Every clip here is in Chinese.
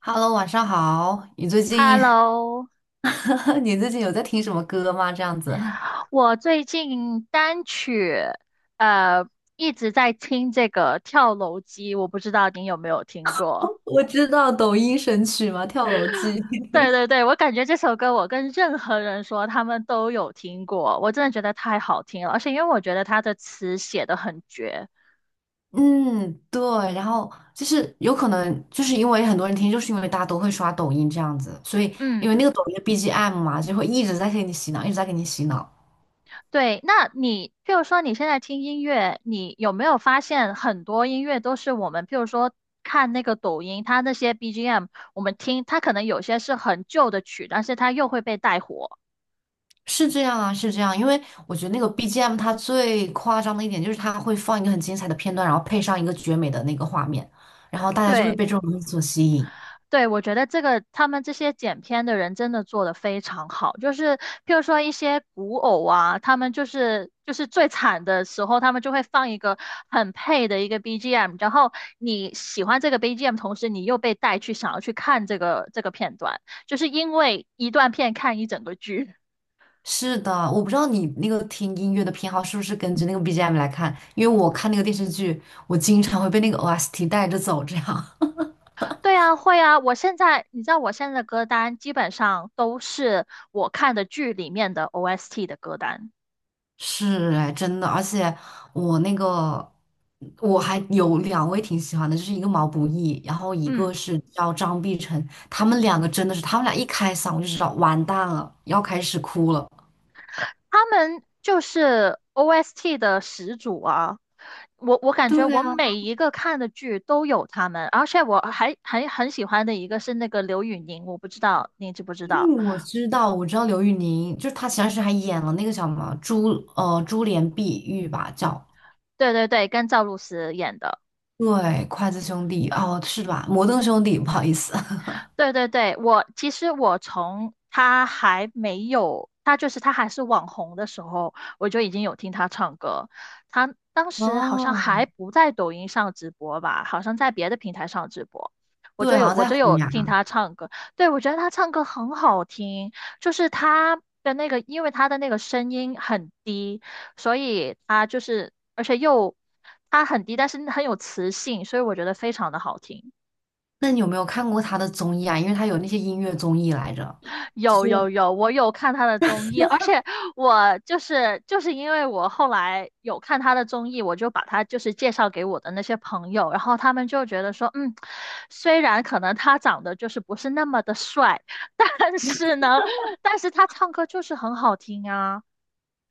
Hello,晚上好。你最近，Hello，你最近有在听什么歌吗？这样子，我最近单曲呃一直在听这个《跳楼机》，我不知道你有没有听过？我知道抖音神曲嘛，《跳楼机》对对对，我感觉这首歌我跟任何人说他们都有听过，我真的觉得太好听了，而且因为我觉得它的词写的很绝，嗯，对。然后就是有可能，就是因为很多人听，就是因为大家都会刷抖音这样子，所以因嗯。为那个抖音的 BGM 嘛，就会一直在给你洗脑，一直在给你洗脑。对，那你譬如说你现在听音乐，你有没有发现很多音乐都是我们譬如说看那个抖音，它那些 BGM，我们听它可能有些是很旧的曲，但是它又会被带火。是这样啊，是这样。因为我觉得那个 BGM 它最夸张的一点就是它会放一个很精彩的片段，然后配上一个绝美的那个画面，然后大家就会对。被这种东西所吸引。对，我觉得这个他们这些剪片的人真的做的非常好，就是譬如说一些古偶啊，他们就是最惨的时候，他们就会放一个很配的一个 BGM，然后你喜欢这个 BGM，同时你又被带去想要去看这个片段，就是因为一段片看一整个剧。是的，我不知道你那个听音乐的偏好是不是根据那个 BGM 来看，因为我看那个电视剧，我经常会被那个 OST 带着走，这样 对啊，会啊，我现在你知道我现在的歌单基本上都是我看的剧里面的 OST 的歌单，是哎，真的，而且我那个我还有两位挺喜欢的，就是一个毛不易，然后一嗯。个是叫张碧晨，他们两个真的是，他们俩一开嗓我就知道完蛋了，要开始哭了。他们就是 OST 的始祖啊！我感觉对我啊，每一个看的剧都有他们，而且我还很喜欢的一个是那个刘宇宁，我不知道你知不知因为道？我知道，我知道刘宇宁，就是她前段时间还演了那个叫什么《珠帘碧玉》吧，叫对对对，跟赵露思演的。对，筷子兄弟哦，是吧？摩登兄弟，不好意思。对对对，我其实我从他还没有，他还是网红的时候，我就已经有听他唱歌。他当时好像哦，还不在抖音上直播吧，好像在别的平台上直播，我就对，好有像我在就虎有牙。听他唱歌。对，我觉得他唱歌很好听，就是他的那个，因为他的那个声音很低，所以他就是，而且又他很低，但是很有磁性，所以我觉得非常的好听。那你有没有看过他的综艺啊？因为他有那些音乐综艺来着。其有实有有，我有看他的综艺，而且我就是因为我后来有看他的综艺，我就把他就是介绍给我的那些朋友，然后他们就觉得说，虽然可能他长得就是不是那么的帅，但是呢，但是他唱歌就是很好听啊。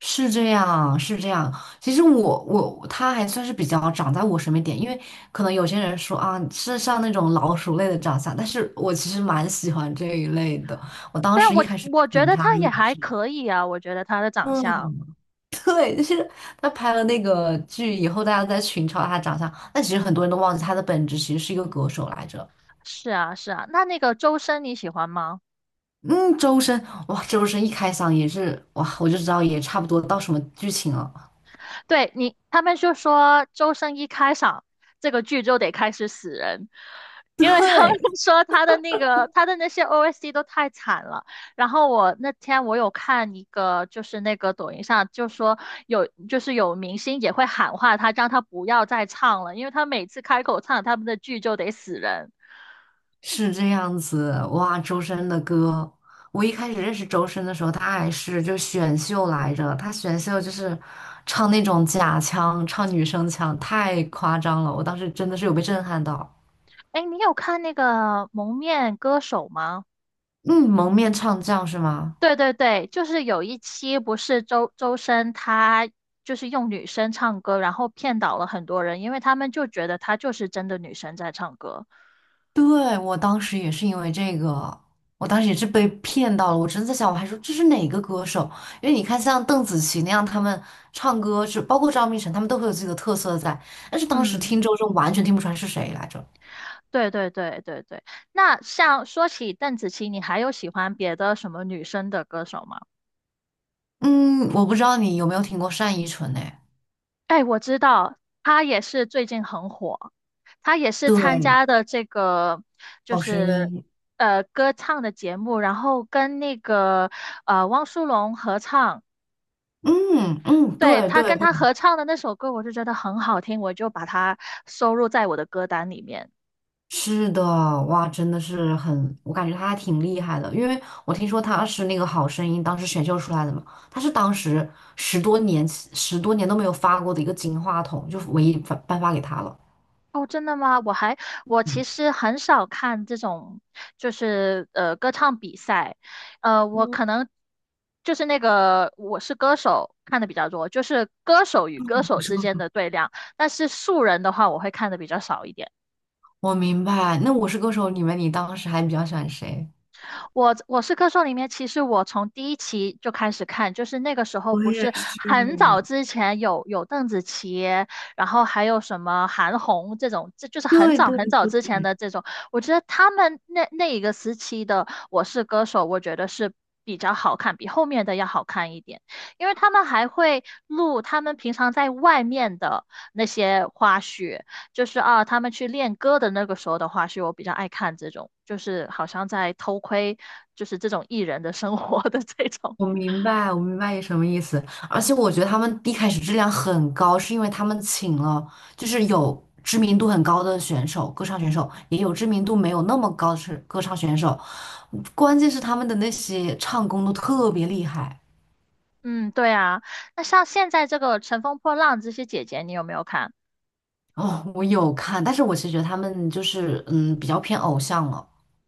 是这样，是这样。其实我他还算是比较长在我审美点，因为可能有些人说啊是像那种老鼠类的长相，但是我其实蛮喜欢这一类的。我当对啊，时一我开始我觉选得他他也也还是。可以啊，我觉得他的长相 对，就是他拍了那个剧以后，大家都在群嘲他长相，但其实很多人都忘记他的本质其实是一个歌手来着。是啊是啊。那个周深你喜欢吗？嗯，周深，哇，周深一开嗓也是，哇，我就知道也差不多到什么剧情了。对，你，他们就说周深一开场，这个剧就得开始死人，因为他们 对，说他的那些 OST 都太惨了。然后我那天我有看一个，就是那个抖音上就说有就是有明星也会喊话他，让他不要再唱了，因为他每次开口唱他们的剧就得死人。是这样子，哇，周深的歌，我一开始认识周深的时候，他还是就选秀来着，他选秀就是唱那种假腔，唱女生腔，太夸张了，我当时真的是有被震撼到。哎，你有看那个《蒙面歌手》吗？嗯，蒙面唱将是吗？对对对，就是有一期不是周深他就是用女生唱歌，然后骗倒了很多人，因为他们就觉得她就是真的女生在唱歌。对，我当时也是因为这个，我当时也是被骗到了。我真的在想，我还说这是哪个歌手？因为你看，像邓紫棋那样，他们唱歌是包括张碧晨，他们都会有自己的特色在。但是当时嗯，听周深完全听不出来是谁来着。对对对对对。那像说起邓紫棋，你还有喜欢别的什么女生的歌手吗？嗯，我不知道你有没有听过单依纯诶。哎，我知道，她也是最近很火，她也是参对，加的这个就好声是音。歌唱的节目，然后跟那个汪苏泷合唱。嗯嗯，对，对他对，跟他合唱的那首歌，我就觉得很好听，我就把它收入在我的歌单里面。是的，哇，真的是很，我感觉他还挺厉害的，因为我听说他是那个《好声音》当时选秀出来的嘛，他是当时十多年十多年都没有发过的一个金话筒，就唯一发颁发给他了。哦，真的吗？我其嗯，实很少看这种，就是歌唱比赛，我可嗯能就是那个我是歌手看的比较多，就是歌手与歌我手是之歌间手，的对量，但是素人的话，我会看的比较少一点。我明白。那《我是歌手》里面，你当时还比较喜欢谁？我是歌手里面，其实我从第一期就开始看，就是那个时候我不也是是，很早之前有邓紫棋，然后还有什么韩红这种，这就是很对早很早对之前对，的这种。我觉得他们那一个时期的《我是歌手》，我觉得是比较好看，比后面的要好看一点，因为他们还会录他们平常在外面的那些花絮，就是啊，他们去练歌的那个时候的话，是我比较爱看这种，就是好像在偷窥，就是这种艺人的生活的这种。我明白，我明白你什么意思。而且我觉得他们一开始质量很高，是因为他们请了就是有知名度很高的选手，歌唱选手，也有知名度没有那么高的是歌唱选手。关键是他们的那些唱功都特别厉害。嗯，对啊。那像现在这个《乘风破浪》这些姐姐，你有没有看？哦，我有看，但是我其实觉得他们就是嗯比较偏偶像了，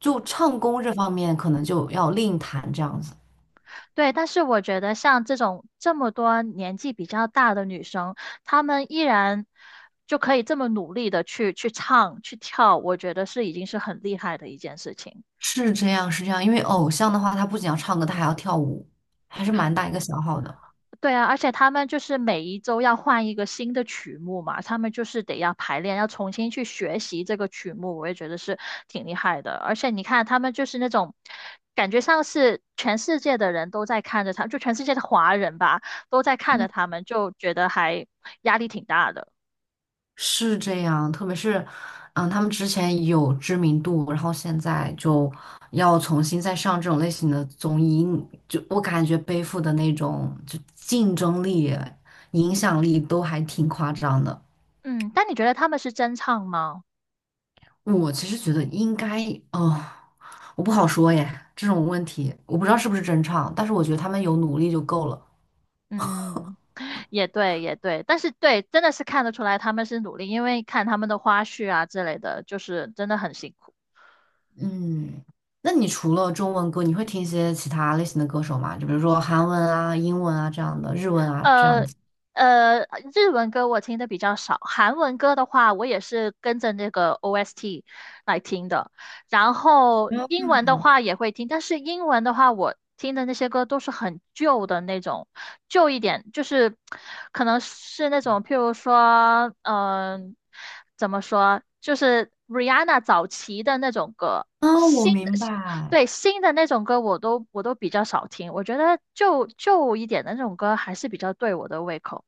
就唱功这方面可能就要另谈这样子。对，但是我觉得像这种这么多年纪比较大的女生，她们依然就可以这么努力的去去唱去跳，我觉得是已经是很厉害的一件事情。是这样，是这样，因为偶像的话，他不仅要唱歌，他还要跳舞，还是蛮大一个消耗的。对啊，而且他们就是每一周要换一个新的曲目嘛，他们就是得要排练，要重新去学习这个曲目，我也觉得是挺厉害的。而且你看，他们就是那种感觉上是全世界的人都在看着他，就全世界的华人吧，都在看着他们，就觉得还压力挺大的。是这样，特别是，嗯，他们之前有知名度，然后现在就要重新再上这种类型的综艺，嗯就我感觉背负的那种就竞争力、影响力都还挺夸张的。嗯，但你觉得他们是真唱吗？我其实觉得应该，哦，我不好说耶，这种问题我不知道是不是真唱，但是我觉得他们有努力就够了。嗯，也对，也对，但是对，真的是看得出来他们是努力，因为看他们的花絮啊之类的，就是真的很辛苦。嗯，那你除了中文歌，你会听一些其他类型的歌手吗？就比如说韩文啊、英文啊这样的，日文啊这样呃子。呃，日文歌我听的比较少，韩文歌的话，我也是跟着那个 OST 来听的。然后英文的话也会听，但是英文的话，我听的那些歌都是很旧的那种，旧一点，就是可能是那种，譬如说，怎么说，就是 Rihanna 早期的那种歌。啊，我新的，明白，对，新的那种歌我都比较少听，我觉得旧旧一点的那种歌还是比较对我的胃口。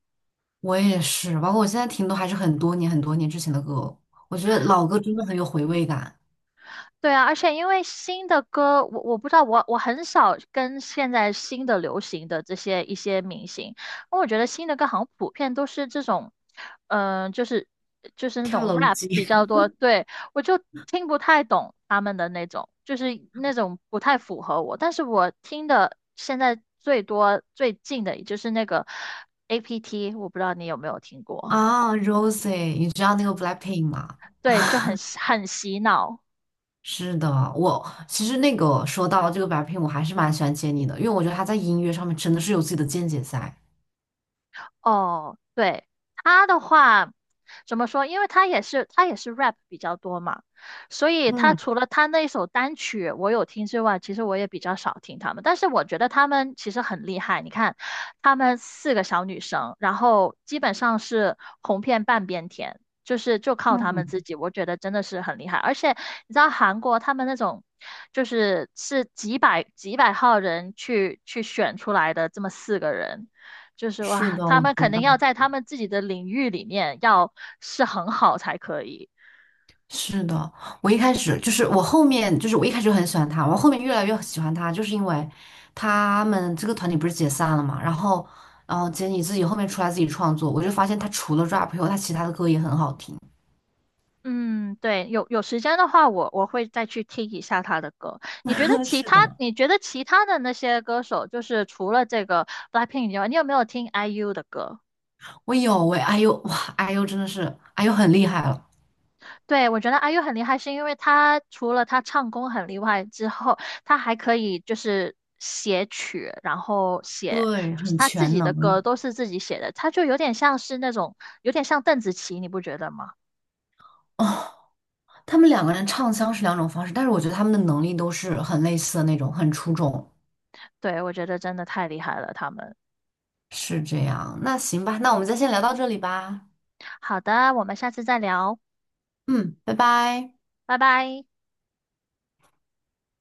我也是，包括我现在听都还是很多年很多年之前的歌，我觉得老歌真的很有回味感。对啊，而且因为新的歌，我不知道，我很少跟现在新的流行的这些一些明星，因为我觉得新的歌好像普遍都是这种，嗯、就是就是那跳种 楼 rap 比机 较多，对，我就听不太懂他们的那种，就是那种不太符合我，但是我听的现在最多最近的也就是那个 APT，我不知道你有没有听 过，啊，Rosie,你知道那个 Blackpink 吗？对，就很洗脑。是的，我其实那个说到这个 Blackpink,我还是蛮喜欢杰尼的，因为我觉得他在音乐上面真的是有自己的见解在。哦，对，他的话怎么说？因为他也是 rap 比较多嘛，所以他嗯除了他那一首单曲我有听之外，其实我也比较少听他们。但是我觉得他们其实很厉害，你看，他们四个小女生，然后基本上是红遍半边天，就靠他们嗯，自己，我觉得真的是很厉害。而且你知道韩国他们那种。是几百几百号人去选出来的这么四个人，就是是哇，的，他我们知肯定道。要在他们自己的领域里面要是很好才可以。是的，我一开始就是我后面就是我一开始就很喜欢他，我后面越来越喜欢他，就是因为他们这个团体不是解散了嘛，然后杰尼自己后面出来自己创作，我就发现他除了 rap 以后，他其他的歌也很好听。嗯，对，有时间的话我会再去听一下他的歌。你觉得 其是他，的，你觉得其他的那些歌手，就是除了这个 BLACKPINK 以外，你有没有听 IU 的歌？我有喂哎呦哇哎呦真的是哎呦很厉害了，对，我觉得阿 u 很厉害，是因为他除了他唱功很厉害之后，他还可以就是写曲，然后对，就是很他自全己的能。歌都是自己写的，他就有点像邓紫棋，你不觉得吗？哦，他们两个人唱腔是两种方式，但是我觉得他们的能力都是很类似的那种，很出众。对，我觉得真的太厉害了，他们。是这样，那行吧，那我们就先聊到这里吧。好的，我们下次再聊，嗯，拜拜。拜拜。